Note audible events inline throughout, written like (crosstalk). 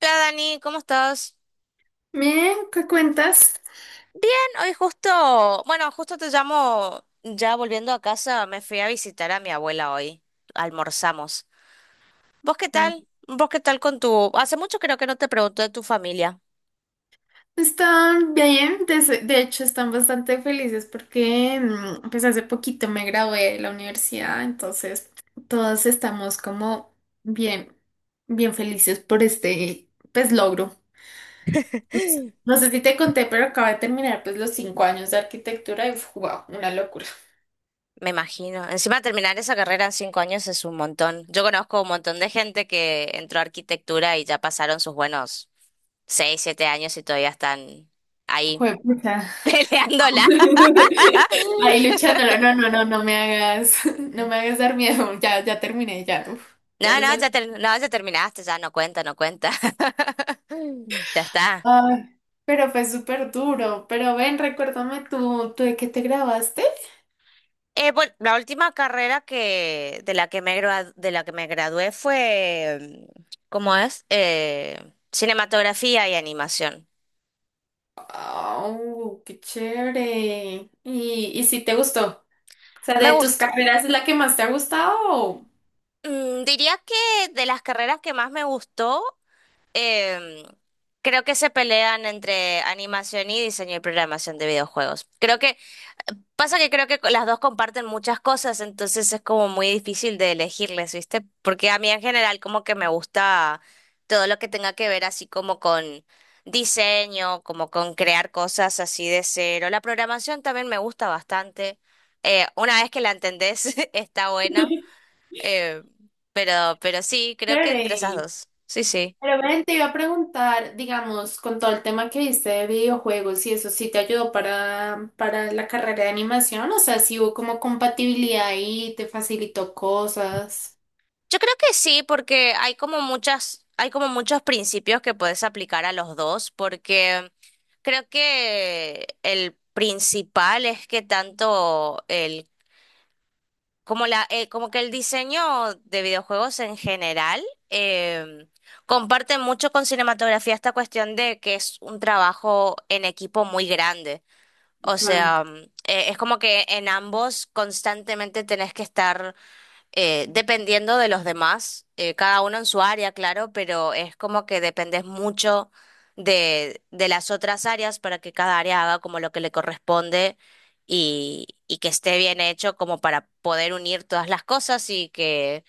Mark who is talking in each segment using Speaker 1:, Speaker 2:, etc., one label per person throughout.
Speaker 1: Hola Dani, ¿cómo estás?
Speaker 2: Bien, ¿qué cuentas?
Speaker 1: Bien, hoy justo, bueno, justo te llamo, ya volviendo a casa, me fui a visitar a mi abuela hoy, almorzamos. ¿Vos qué
Speaker 2: Mm.
Speaker 1: tal? Hace mucho creo que no te pregunto de tu familia,
Speaker 2: Están bien, de hecho están bastante felices porque pues hace poquito me gradué de la universidad, entonces todos estamos como bien, bien felices por este pues logro. Pues, no sé si te conté, pero acabo de terminar pues los 5 años de arquitectura y wow, una locura.
Speaker 1: me imagino. Encima terminar esa carrera en 5 años es un montón. Yo conozco un montón de gente que entró a arquitectura y ya pasaron sus buenos 6, 7 años y todavía están ahí
Speaker 2: Juepucha.
Speaker 1: (laughs) peleándola.
Speaker 2: (laughs) Ahí luchando, no, no, no, no no me hagas, (laughs) no me hagas dar miedo, ya, ya terminé, ya, uf, ya
Speaker 1: No,
Speaker 2: los
Speaker 1: no, ya, no, ya terminaste, ya no cuenta, no cuenta. (laughs) Ya está.
Speaker 2: ay, pero fue súper duro. Pero ven, recuérdame tú, ¿tú de qué te grabaste?
Speaker 1: Bueno, la última carrera que de la que me gradua- de la que me gradué fue, ¿cómo es? Cinematografía y animación.
Speaker 2: Oh, qué chévere. ¿Y si te gustó? O sea,
Speaker 1: Me
Speaker 2: ¿de tus
Speaker 1: gustó.
Speaker 2: carreras es la que más te ha gustado?
Speaker 1: Diría que de las carreras que más me gustó, em, creo que se pelean entre animación y diseño y programación de videojuegos. Creo que Pasa que creo que las dos comparten muchas cosas, entonces es como muy difícil de elegirles, ¿viste? Porque a mí en general como que me gusta todo lo que tenga que ver así como con diseño, como con crear cosas así de cero. La programación también me gusta bastante. Una vez que la entendés, (laughs) está buena.
Speaker 2: (laughs)
Speaker 1: Eh, pero sí, creo que entre esas
Speaker 2: Chévere.
Speaker 1: dos. Sí, sí.
Speaker 2: Pero ven, te iba a preguntar, digamos, con todo el tema que viste de videojuegos y eso, ¿sí te ayudó para la carrera de animación? O sea, si hubo como compatibilidad y te facilitó cosas.
Speaker 1: Yo creo que sí, porque hay como muchos principios que puedes aplicar a los dos, porque creo que el principal es que tanto el, como la, como que el diseño de videojuegos en general em, comparte mucho con cinematografía esta cuestión de que es un trabajo en equipo muy grande. O sea, es como que en ambos constantemente tenés que estar dependiendo de los demás, cada uno en su área, claro, pero es como que dependes mucho de las otras áreas para que cada área haga como lo que le corresponde y que esté bien hecho como para poder unir todas las cosas y que,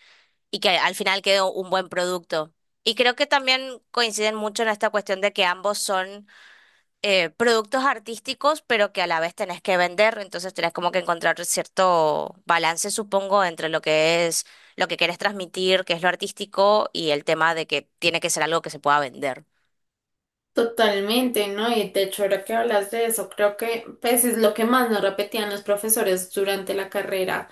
Speaker 1: y que al final quede un buen producto. Y creo que también coinciden mucho en esta cuestión de que ambos son productos artísticos, pero que a la vez tenés que vender, entonces tenés como que encontrar cierto balance, supongo, entre lo que es lo que querés transmitir, que es lo artístico, y el tema de que tiene que ser algo que se pueda vender.
Speaker 2: Totalmente, ¿no? Y de hecho, ahora que hablas de eso, creo que pues es lo que más nos repetían los profesores durante la carrera,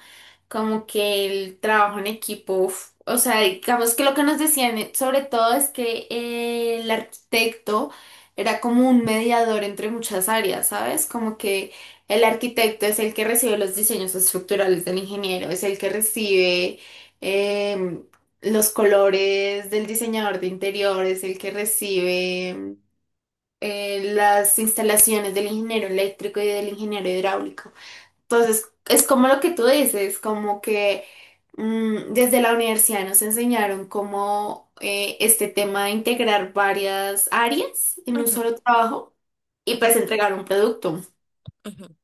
Speaker 2: como que el trabajo en equipo, uf, o sea, digamos que lo que nos decían sobre todo es que el arquitecto era como un mediador entre muchas áreas, ¿sabes? Como que el arquitecto es el que recibe los diseños estructurales del ingeniero, es el que recibe em, los colores del diseñador de interiores, el que recibe las instalaciones del ingeniero eléctrico y del ingeniero hidráulico. Entonces, es como lo que tú dices, como que desde la universidad nos enseñaron cómo este tema de integrar varias áreas en un
Speaker 1: Ujú,
Speaker 2: solo trabajo y pues
Speaker 1: ujú,
Speaker 2: entregar un producto.
Speaker 1: ujú.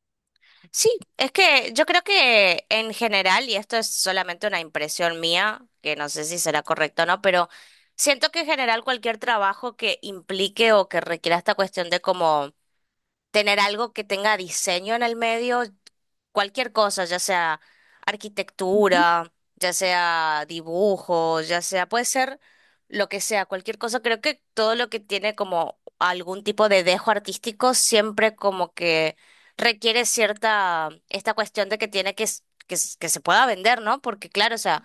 Speaker 1: Sí, es que yo creo que en general, y esto es solamente una impresión mía, que no sé si será correcto o no, pero siento que en general cualquier trabajo que implique o que requiera esta cuestión de como tener algo que tenga diseño en el medio, cualquier cosa, ya sea arquitectura, ya sea dibujo, puede ser lo que sea, cualquier cosa. Creo que todo lo que tiene como algún tipo de dejo artístico siempre como que requiere esta cuestión de que tiene que se pueda vender, ¿no? Porque claro, o sea,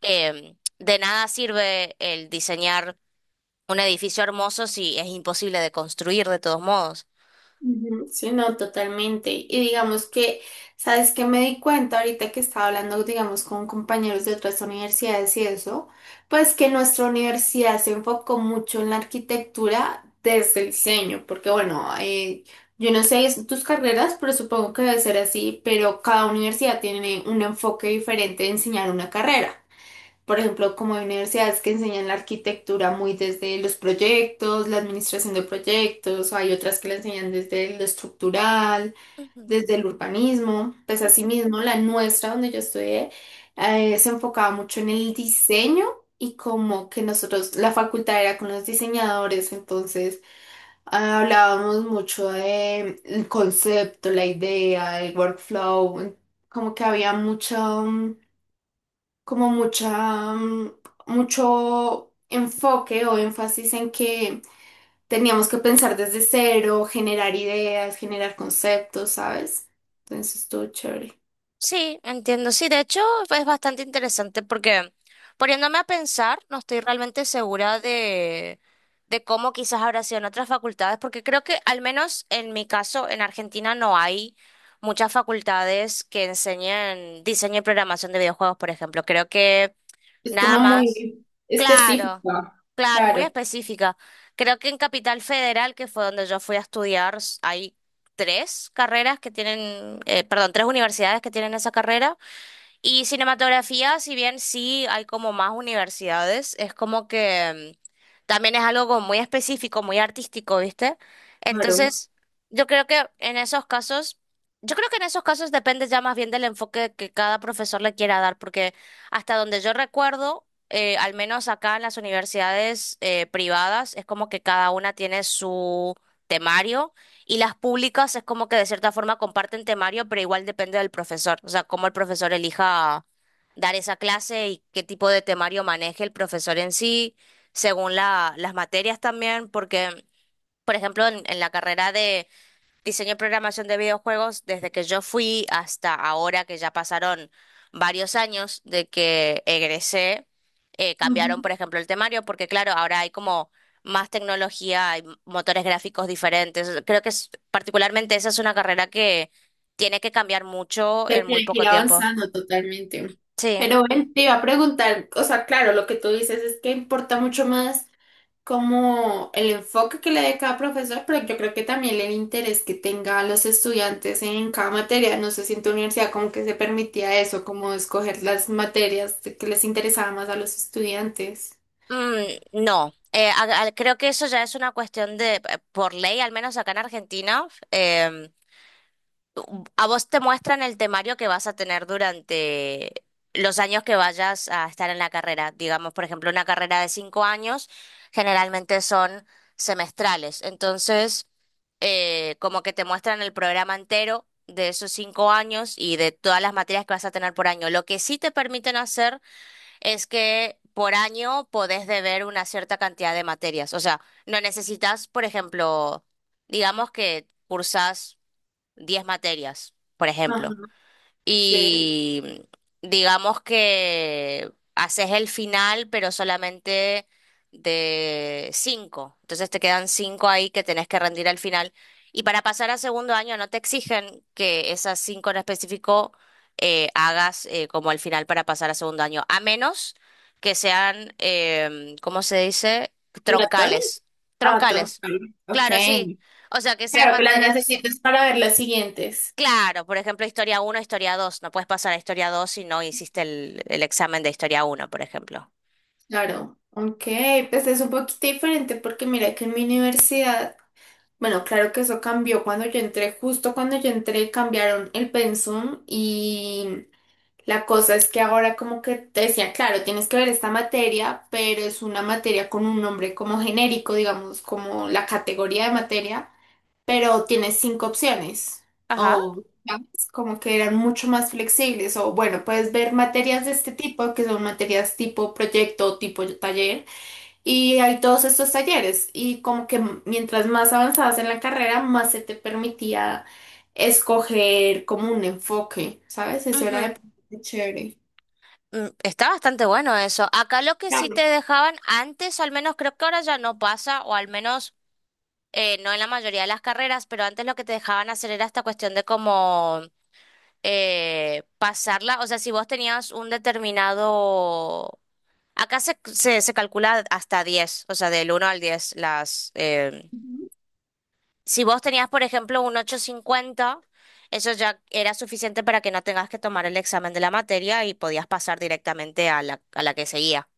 Speaker 1: de nada sirve el diseñar un edificio hermoso si es imposible de construir de todos modos.
Speaker 2: Ujú, sí, no, totalmente. Y digamos que, ¿sabes qué me di cuenta ahorita que estaba hablando, digamos, con compañeros de otras universidades y eso? Pues que nuestra universidad se enfocó mucho en la arquitectura desde el diseño, porque bueno, yo no sé tus carreras, pero supongo que debe ser así, pero cada universidad tiene un enfoque diferente de enseñar una carrera. Por ejemplo, como hay universidades que enseñan la arquitectura muy desde los proyectos, la administración de proyectos, o hay otras que la enseñan desde lo estructural,
Speaker 1: Ujú,
Speaker 2: desde el urbanismo. Pues
Speaker 1: ujú.
Speaker 2: asimismo, la nuestra, donde yo estudié, se enfocaba mucho en el diseño y como que nosotros, la facultad era con los diseñadores, entonces hablábamos mucho de el concepto, la idea, el workflow, como que había mucho... mm, como mucha, mm, mucho enfoque o énfasis en que teníamos que pensar desde cero, generar ideas, generar conceptos, ¿sabes? Entonces estuvo chévere.
Speaker 1: Sí, entiendo. Sí, de hecho es bastante interesante porque poniéndome a pensar, no estoy realmente segura de cómo quizás habrá sido en otras facultades, porque creo que al menos en mi caso, en Argentina no hay muchas facultades que enseñen diseño y programación de videojuegos, por ejemplo. Creo que
Speaker 2: Es
Speaker 1: Nada
Speaker 2: como
Speaker 1: más.
Speaker 2: muy
Speaker 1: Claro,
Speaker 2: específica.
Speaker 1: claro, es muy
Speaker 2: Claro,
Speaker 1: específica. Creo que en Capital Federal, que fue donde yo fui a estudiar, hay tres carreras que tienen, perdón, tres universidades que tienen esa carrera. Y cinematografía, si bien sí hay como más universidades, es como que también es algo como muy específico, muy artístico, ¿viste?
Speaker 2: claro.
Speaker 1: Entonces, yo creo que en esos casos, yo creo que en esos casos depende ya más bien del enfoque que cada profesor le quiera dar, porque hasta donde yo recuerdo, al menos acá en las universidades privadas, es como que cada una tiene su temario y las públicas es como que de cierta forma comparten temario, pero igual depende del profesor. O sea, cómo el profesor elija dar esa clase y qué tipo de temario maneje el profesor en sí, según las materias también, porque, por ejemplo, en la carrera diseño y programación de videojuegos desde que yo fui hasta ahora que ya pasaron varios años de que egresé, cambiaron,
Speaker 2: Ujú.
Speaker 1: por ejemplo, el temario, porque claro, ahora hay como más tecnología, hay motores gráficos diferentes. Particularmente esa es una carrera que tiene que cambiar mucho
Speaker 2: Que
Speaker 1: en muy
Speaker 2: tiene que
Speaker 1: poco
Speaker 2: ir
Speaker 1: tiempo.
Speaker 2: avanzando totalmente.
Speaker 1: Sí.
Speaker 2: Pero bueno, te iba a preguntar, o sea, claro, lo que tú dices es que importa mucho más, como el enfoque que le dé cada profesor, pero yo creo que también el interés que tenga los estudiantes en cada materia. No sé si en tu universidad como que se permitía eso, como escoger las materias que les interesaba más a los estudiantes.
Speaker 1: Mm, no, creo que eso ya es una cuestión de, por ley, al menos acá en Argentina, a vos te muestran el temario que vas a tener durante los años que vayas a estar en la carrera. Digamos, por ejemplo, una carrera de 5 años generalmente son semestrales. Entonces, como que te muestran el programa entero de esos 5 años y de todas las materias que vas a tener por año. Lo que sí te permiten hacer es que por año podés deber una cierta cantidad de materias. O sea, no necesitas, por ejemplo, digamos que cursas 10 materias, por
Speaker 2: Ajá,
Speaker 1: ejemplo,
Speaker 2: sí.
Speaker 1: y digamos que haces el final, pero solamente de 5. Entonces te quedan cinco ahí que tenés que rendir al final. Y para pasar a segundo año no te exigen que esas 5 en específico hagas como el final para pasar a segundo año, a menos que sean, ¿cómo se dice?
Speaker 2: ¿Obligatorias?
Speaker 1: Troncales.
Speaker 2: Ah,
Speaker 1: Troncales.
Speaker 2: troncal. Ok.
Speaker 1: Claro, sí. O sea, que sean
Speaker 2: Claro, que las
Speaker 1: materias
Speaker 2: necesitas para ver las siguientes.
Speaker 1: Claro, por ejemplo, historia uno, historia dos. No puedes pasar a historia 2 si no hiciste el examen de historia uno, por ejemplo.
Speaker 2: Claro. Ok, pues es un poquito diferente porque mira que en mi universidad. Bueno, claro que eso cambió cuando yo entré, justo cuando yo entré cambiaron el pensum y la cosa es que ahora como que te decía, claro, tienes que ver esta materia, pero es una materia con un nombre como genérico, digamos, como la categoría de materia, pero tienes cinco opciones
Speaker 1: Ajá.
Speaker 2: o ¿sabes? Como que eran mucho más flexibles o bueno, puedes ver materias de este tipo que son materias tipo proyecto, tipo taller y hay todos estos talleres y como que mientras más avanzabas en la carrera, más se te permitía escoger como un enfoque, ¿sabes? Eso era
Speaker 1: Ujú.
Speaker 2: de chévere.
Speaker 1: Está bastante bueno eso. Acá lo que sí
Speaker 2: Claro.
Speaker 1: te dejaban antes, o al menos creo que ahora ya no pasa, o al menos no en la mayoría de las carreras, pero antes lo que te dejaban hacer era esta cuestión de cómo pasarla. O sea, si vos tenías un determinado. Acá se calcula hasta 10, o sea, del uno al diez. Si vos tenías, por ejemplo, un 8,50, eso ya era suficiente para que no tengas que tomar el examen de la materia y podías pasar directamente a la que seguía.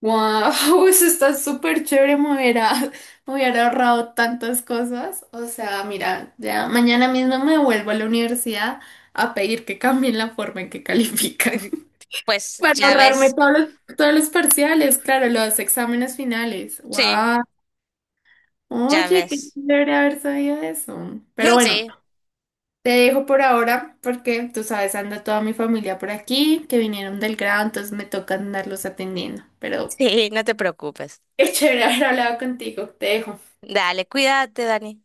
Speaker 2: Wow, (laughs) eso está súper chévere, me hubiera ahorrado tantas cosas. O sea, mira, ya mañana mismo me vuelvo a la universidad a pedir que cambien la forma en que califican.
Speaker 1: (laughs)
Speaker 2: (laughs)
Speaker 1: Pues
Speaker 2: Para
Speaker 1: ya
Speaker 2: ahorrarme
Speaker 1: ves,
Speaker 2: todos los parciales, claro, los exámenes finales.
Speaker 1: sí,
Speaker 2: Wow.
Speaker 1: ya
Speaker 2: Oye, qué
Speaker 1: ves.
Speaker 2: chévere haber sabido eso. Pero
Speaker 1: (laughs)
Speaker 2: bueno,
Speaker 1: Sí,
Speaker 2: te dejo por ahora porque tú sabes, anda toda mi familia por aquí, que vinieron del grado, entonces me toca andarlos atendiendo. Pero
Speaker 1: sí, no te preocupes.
Speaker 2: (laughs) qué chévere haber hablado contigo. Te dejo.
Speaker 1: Dale, cuídate, Dani.